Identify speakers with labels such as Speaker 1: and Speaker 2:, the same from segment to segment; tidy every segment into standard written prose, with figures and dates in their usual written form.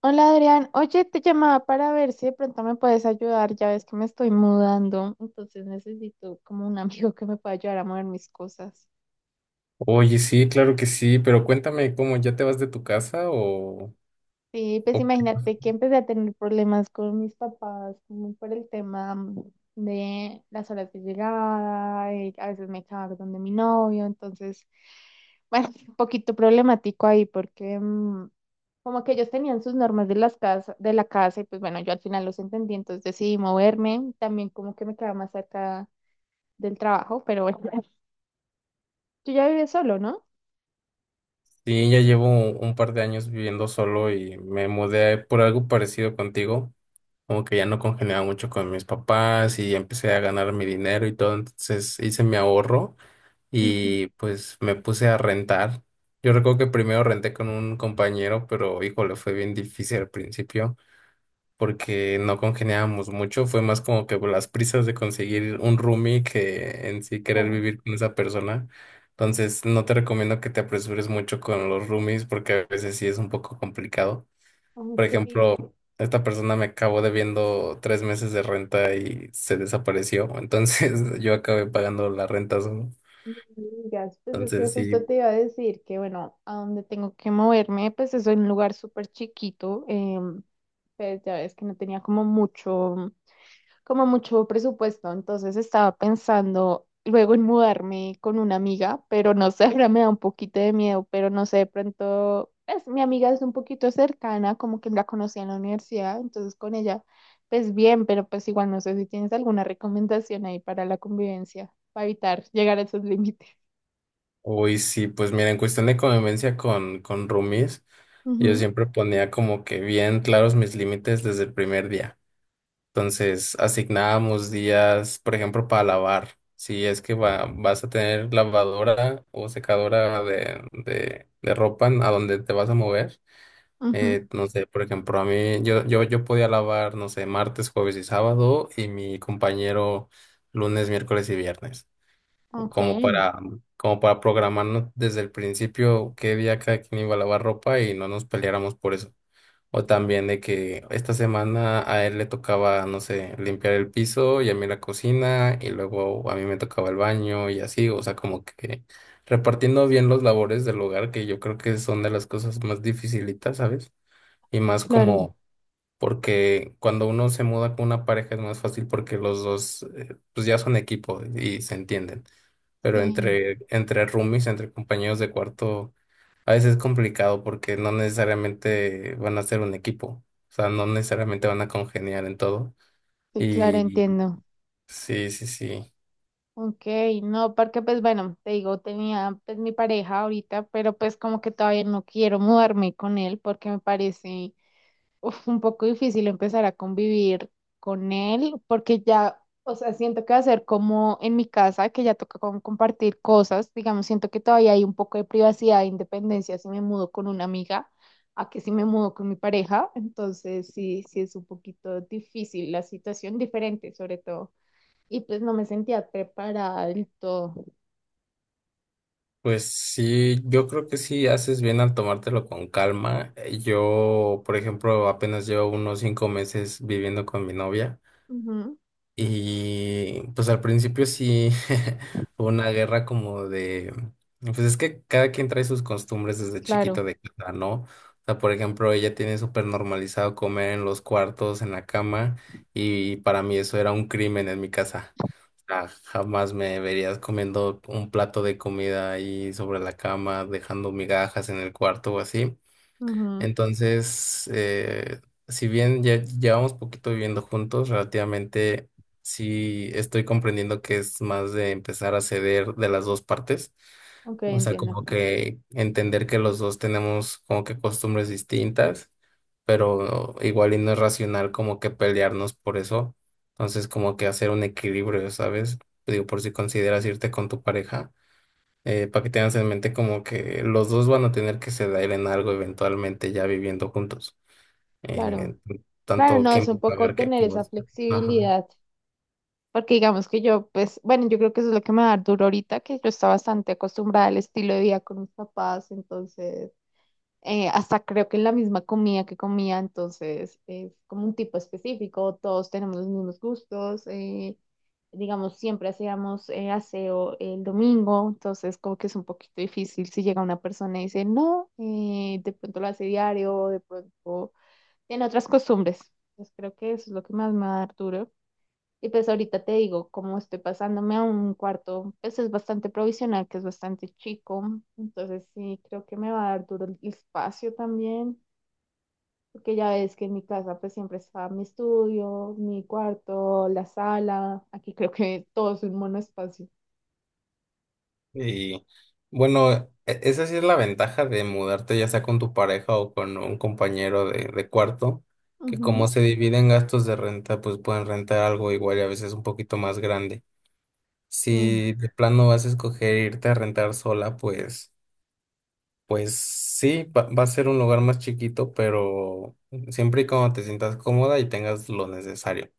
Speaker 1: Hola Adrián, oye, te llamaba para ver si de pronto me puedes ayudar, ya ves que me estoy mudando, entonces necesito como un amigo que me pueda ayudar a mover mis cosas.
Speaker 2: Oye, sí, claro que sí, pero cuéntame cómo, ¿ya te vas de tu casa o,
Speaker 1: Sí, pues
Speaker 2: o
Speaker 1: imagínate que empecé a tener problemas con mis papás, como por el tema de las horas de llegada, y a veces me echaba donde mi novio, entonces, bueno, un poquito problemático ahí porque como que ellos tenían sus normas de la casa, y pues bueno, yo al final los entendí, entonces decidí moverme, también como que me quedaba más cerca del trabajo, pero bueno, tú ya vives solo, ¿no?
Speaker 2: sí? Ya llevo un par de años viviendo solo y me mudé por algo parecido contigo, como que ya no congeniaba mucho con mis papás y empecé a ganar mi dinero y todo, entonces hice mi ahorro
Speaker 1: Ujú.
Speaker 2: y pues me puse a rentar. Yo recuerdo que primero renté con un compañero, pero híjole, fue bien difícil al principio, porque no congeniábamos mucho, fue más como que por las prisas de conseguir un roomie que en sí querer
Speaker 1: Claro.
Speaker 2: vivir con esa persona. Entonces, no te recomiendo que te apresures mucho con los roomies porque a veces sí es un poco complicado. Por
Speaker 1: Aunque
Speaker 2: ejemplo, esta persona me acabó debiendo 3 meses de renta y se desapareció, entonces yo acabé pagando la renta solo.
Speaker 1: me digas, pues es que
Speaker 2: Entonces, sí,
Speaker 1: justo te iba a decir que bueno, a donde tengo que moverme, pues es un lugar súper chiquito, pues ya ves que no tenía como mucho presupuesto, entonces estaba pensando luego en mudarme con una amiga, pero no sé, ahora me da un poquito de miedo, pero no sé, de pronto, pues mi amiga es un poquito cercana, como que la conocí en la universidad, entonces con ella, pues bien, pero pues igual no sé si tienes alguna recomendación ahí para la convivencia, para evitar llegar a esos límites.
Speaker 2: hoy sí, pues mira, en cuestión de convivencia con roomies. Yo siempre ponía como que bien claros mis límites desde el primer día. Entonces, asignábamos días, por ejemplo, para lavar. Si es que vas a tener lavadora o secadora de ropa a donde te vas a mover.
Speaker 1: Ujú, ujú,
Speaker 2: No sé, por ejemplo, a mí, yo podía lavar, no sé, martes, jueves y sábado, y mi compañero lunes, miércoles y viernes.
Speaker 1: ok,
Speaker 2: Como para, como para programarnos desde el principio qué día cada quien iba a lavar ropa y no nos peleáramos por eso. O también de que esta semana a él le tocaba, no sé, limpiar el piso y a mí la cocina y luego a mí me tocaba el baño y así, o sea, como que repartiendo bien los labores del hogar, que yo creo que son de las cosas más dificilitas, ¿sabes? Y más
Speaker 1: claro,
Speaker 2: como porque cuando uno se muda con una pareja es más fácil porque los dos pues ya son equipo y se entienden. Pero
Speaker 1: sí,
Speaker 2: entre roomies, entre compañeros de cuarto, a veces es complicado porque no necesariamente van a ser un equipo. O sea, no necesariamente van a congeniar en todo.
Speaker 1: sí, claro,
Speaker 2: Y
Speaker 1: entiendo.
Speaker 2: sí, sí, sí.
Speaker 1: Ok, no, porque pues bueno, te digo, tenía pues mi pareja ahorita, pero pues como que todavía no quiero mudarme con él porque me parece uf, un poco difícil empezar a convivir con él porque ya, o sea, siento que va a ser como en mi casa, que ya toca como compartir cosas, digamos, siento que todavía hay un poco de privacidad e independencia si me mudo con una amiga, a que si me mudo con mi pareja, entonces sí, sí es un poquito difícil la situación, diferente sobre todo y pues no me sentía preparada del todo.
Speaker 2: Pues sí, yo creo que sí haces bien al tomártelo con calma. Yo, por ejemplo, apenas llevo unos 5 meses viviendo con mi novia.
Speaker 1: Ujú,
Speaker 2: Y pues al principio sí fue una guerra como de, pues es que cada quien trae sus costumbres desde
Speaker 1: claro.
Speaker 2: chiquito de casa, ¿no? O sea, por ejemplo, ella tiene súper normalizado comer en los cuartos, en la cama, y para mí eso era un crimen en mi casa. O sea, jamás me verías comiendo un plato de comida ahí sobre la cama, dejando migajas en el cuarto o así.
Speaker 1: Ujú.
Speaker 2: Entonces, si bien ya llevamos poquito viviendo juntos, relativamente sí estoy comprendiendo que es más de empezar a ceder de las dos partes.
Speaker 1: Ok,
Speaker 2: O sea,
Speaker 1: entiendo.
Speaker 2: como que entender que los dos tenemos como que costumbres distintas, pero igual y no es racional como que pelearnos por eso. Entonces, como que hacer un equilibrio, ¿sabes? Digo, por si consideras irte con tu pareja para que tengas en mente como que los dos van a tener que ceder en algo eventualmente ya viviendo juntos. Eh,
Speaker 1: Claro. Claro,
Speaker 2: Tanto
Speaker 1: no,
Speaker 2: quién
Speaker 1: es
Speaker 2: va
Speaker 1: un
Speaker 2: a
Speaker 1: poco
Speaker 2: pagar qué
Speaker 1: tener esa
Speaker 2: cosa. Ajá.
Speaker 1: flexibilidad, porque digamos que yo, pues, bueno, yo creo que eso es lo que me da duro ahorita, que yo estaba bastante acostumbrada al estilo de vida con mis papás, entonces, hasta creo que en la misma comida que comía, entonces es como un tipo específico, todos tenemos los mismos gustos, digamos, siempre hacíamos aseo el domingo, entonces como que es un poquito difícil si llega una persona y dice, no, de pronto lo hace diario, de pronto tiene otras costumbres. Entonces creo que eso es lo que más me va a dar duro. Y pues ahorita te digo, como estoy pasándome a un cuarto, pues es bastante provisional, que es bastante chico. Entonces sí, creo que me va a dar duro el espacio también, porque ya ves que en mi casa pues siempre está mi estudio, mi cuarto, la sala. Aquí creo que todo es un monoespacio.
Speaker 2: Y bueno, esa sí es la ventaja de mudarte ya sea con tu pareja o con un compañero de cuarto, que como
Speaker 1: Ujú,
Speaker 2: se dividen gastos de renta, pues pueden rentar algo igual y a veces un poquito más grande.
Speaker 1: sí,
Speaker 2: Si de plano vas a escoger irte a rentar sola, pues... Pues sí, va a ser un lugar más chiquito, pero siempre y cuando te sientas cómoda y tengas lo necesario.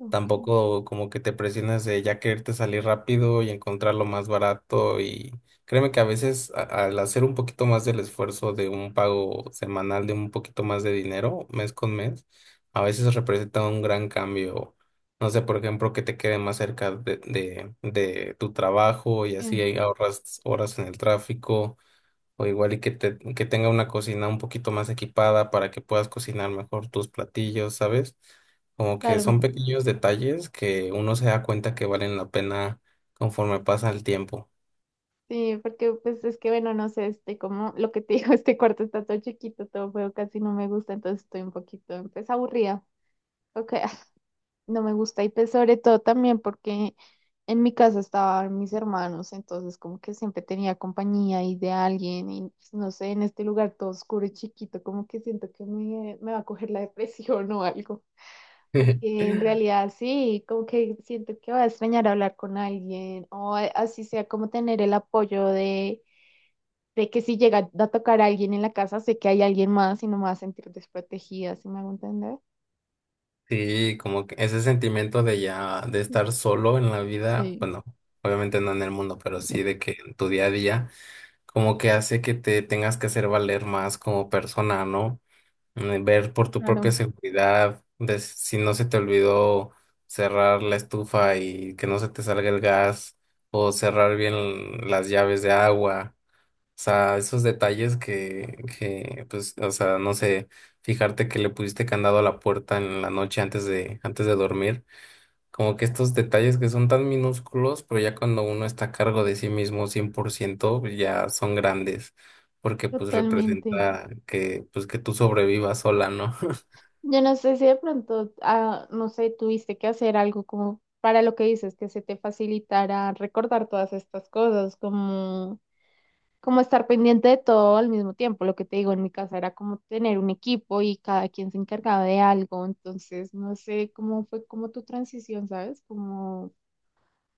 Speaker 1: ok,
Speaker 2: Tampoco como que te presiones de ya quererte salir rápido y encontrar lo más barato y créeme que a veces al hacer un poquito más del esfuerzo de un pago semanal de un poquito más de dinero mes con mes, a veces representa un gran cambio. No sé, por ejemplo, que te quede más cerca de tu trabajo y
Speaker 1: sí,
Speaker 2: así ahorras horas en el tráfico o igual y que tenga una cocina un poquito más equipada para que puedas cocinar mejor tus platillos, ¿sabes? Como que
Speaker 1: claro.
Speaker 2: son pequeños detalles que uno se da cuenta que valen la pena conforme pasa el tiempo.
Speaker 1: Sí, porque pues es que bueno, no sé, este como lo que te digo, este cuarto está todo chiquito, todo feo, casi no me gusta, entonces estoy un poquito pues aburrida. Ok. No me gusta y pues sobre todo también porque en mi casa estaban mis hermanos, entonces como que siempre tenía compañía y de alguien y pues, no sé, en este lugar todo oscuro y chiquito, como que siento que me va a coger la depresión o algo, porque en realidad sí, como que siento que va a extrañar hablar con alguien o así sea como tener el apoyo de que si llega a tocar a alguien en la casa, sé que hay alguien más y no me va a sentir desprotegida, ¿si me hago entender?
Speaker 2: Sí, como que ese sentimiento de ya, de estar solo en la vida,
Speaker 1: Sí,
Speaker 2: bueno, obviamente no en el mundo, pero sí de que en tu día a día, como que hace que te tengas que hacer valer más como persona, ¿no? Ver por tu propia
Speaker 1: claro,
Speaker 2: seguridad, de si no se te olvidó cerrar la estufa y que no se te salga el gas, o cerrar bien las llaves de agua. O sea, esos detalles pues, o sea, no sé, fijarte que le pusiste candado a la puerta en la noche antes de dormir. Como que estos detalles que son tan minúsculos, pero ya cuando uno está a cargo de sí mismo 100%, ya son grandes porque pues
Speaker 1: totalmente.
Speaker 2: representa que pues que tú sobrevivas sola, ¿no?
Speaker 1: Yo no sé si de pronto, ah, no sé, tuviste que hacer algo como para lo que dices, que se te facilitara recordar todas estas cosas, como, como estar pendiente de todo al mismo tiempo. Lo que te digo en mi casa era como tener un equipo y cada quien se encargaba de algo. Entonces, no sé cómo fue como tu transición, ¿sabes? Como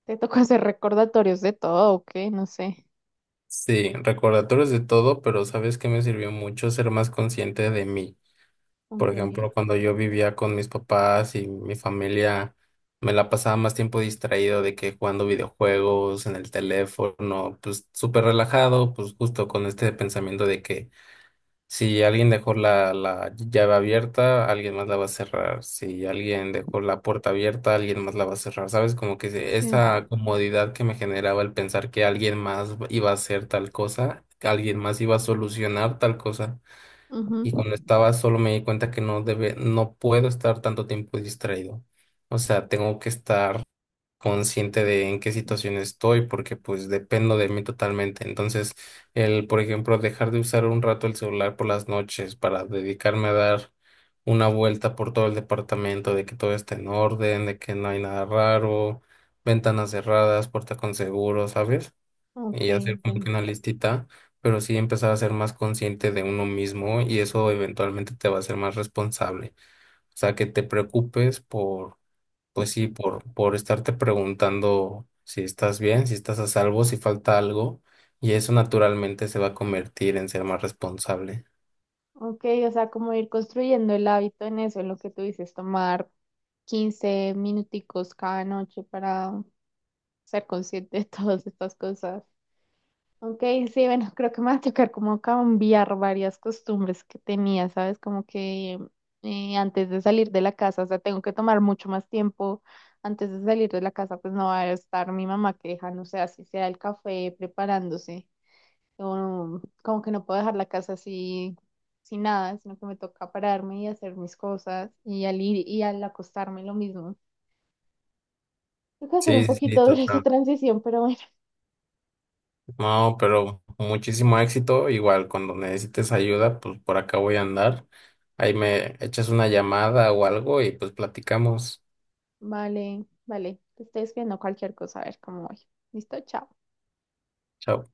Speaker 1: te tocó hacer recordatorios de todo, ¿o qué? No sé.
Speaker 2: Sí, recordatorios de todo, pero ¿sabes que me sirvió mucho? Ser más consciente de mí. Por
Speaker 1: Ok,
Speaker 2: ejemplo, cuando yo vivía con mis papás y mi familia, me la pasaba más tiempo distraído de que jugando videojuegos en el teléfono, pues súper relajado, pues justo con este pensamiento de que si alguien dejó la llave abierta, alguien más la va a cerrar. Si alguien dejó la puerta abierta, alguien más la va a cerrar. ¿Sabes? Como que
Speaker 1: sí.
Speaker 2: esa comodidad que me generaba el pensar que alguien más iba a hacer tal cosa, que alguien más iba a solucionar tal cosa.
Speaker 1: Ujú.
Speaker 2: Y cuando estaba solo me di cuenta que no debe, no puedo estar tanto tiempo distraído. O sea, tengo que estar consciente de en qué situación estoy porque pues dependo de mí totalmente. Entonces, por ejemplo, dejar de usar un rato el celular por las noches para dedicarme a dar una vuelta por todo el departamento, de que todo está en orden, de que no hay nada raro, ventanas cerradas, puerta con seguro, ¿sabes?
Speaker 1: Ok,
Speaker 2: Y hacer como que
Speaker 1: entiendo.
Speaker 2: una listita, pero sí empezar a ser más consciente de uno mismo y eso eventualmente te va a hacer más responsable. O sea, que te preocupes pues sí, por estarte preguntando si estás bien, si estás a salvo, si falta algo, y eso naturalmente se va a convertir en ser más responsable.
Speaker 1: Ok, o sea, como ir construyendo el hábito en eso, en lo que tú dices, tomar 15 minuticos cada noche para ser consciente de todas estas cosas. Ok, sí, bueno, creo que me va a tocar como cambiar varias costumbres que tenía, ¿sabes? Como que antes de salir de la casa, o sea, tengo que tomar mucho más tiempo. Antes de salir de la casa, pues no va a estar mi mamá que deja, no sé, así sea el café preparándose. Yo como que no puedo dejar la casa así, sin nada, sino que me toca pararme y hacer mis cosas y al ir y al acostarme lo mismo. Tengo que hacer un
Speaker 2: Sí, sí, sí,
Speaker 1: poquito dura esa
Speaker 2: total.
Speaker 1: transición, pero bueno,
Speaker 2: No, pero muchísimo éxito. Igual, cuando necesites ayuda, pues por acá voy a andar. Ahí me echas una llamada o algo y pues platicamos.
Speaker 1: vale, vale. Te estoy escribiendo cualquier cosa, a ver cómo voy. ¿Listo? Chao.
Speaker 2: Chao.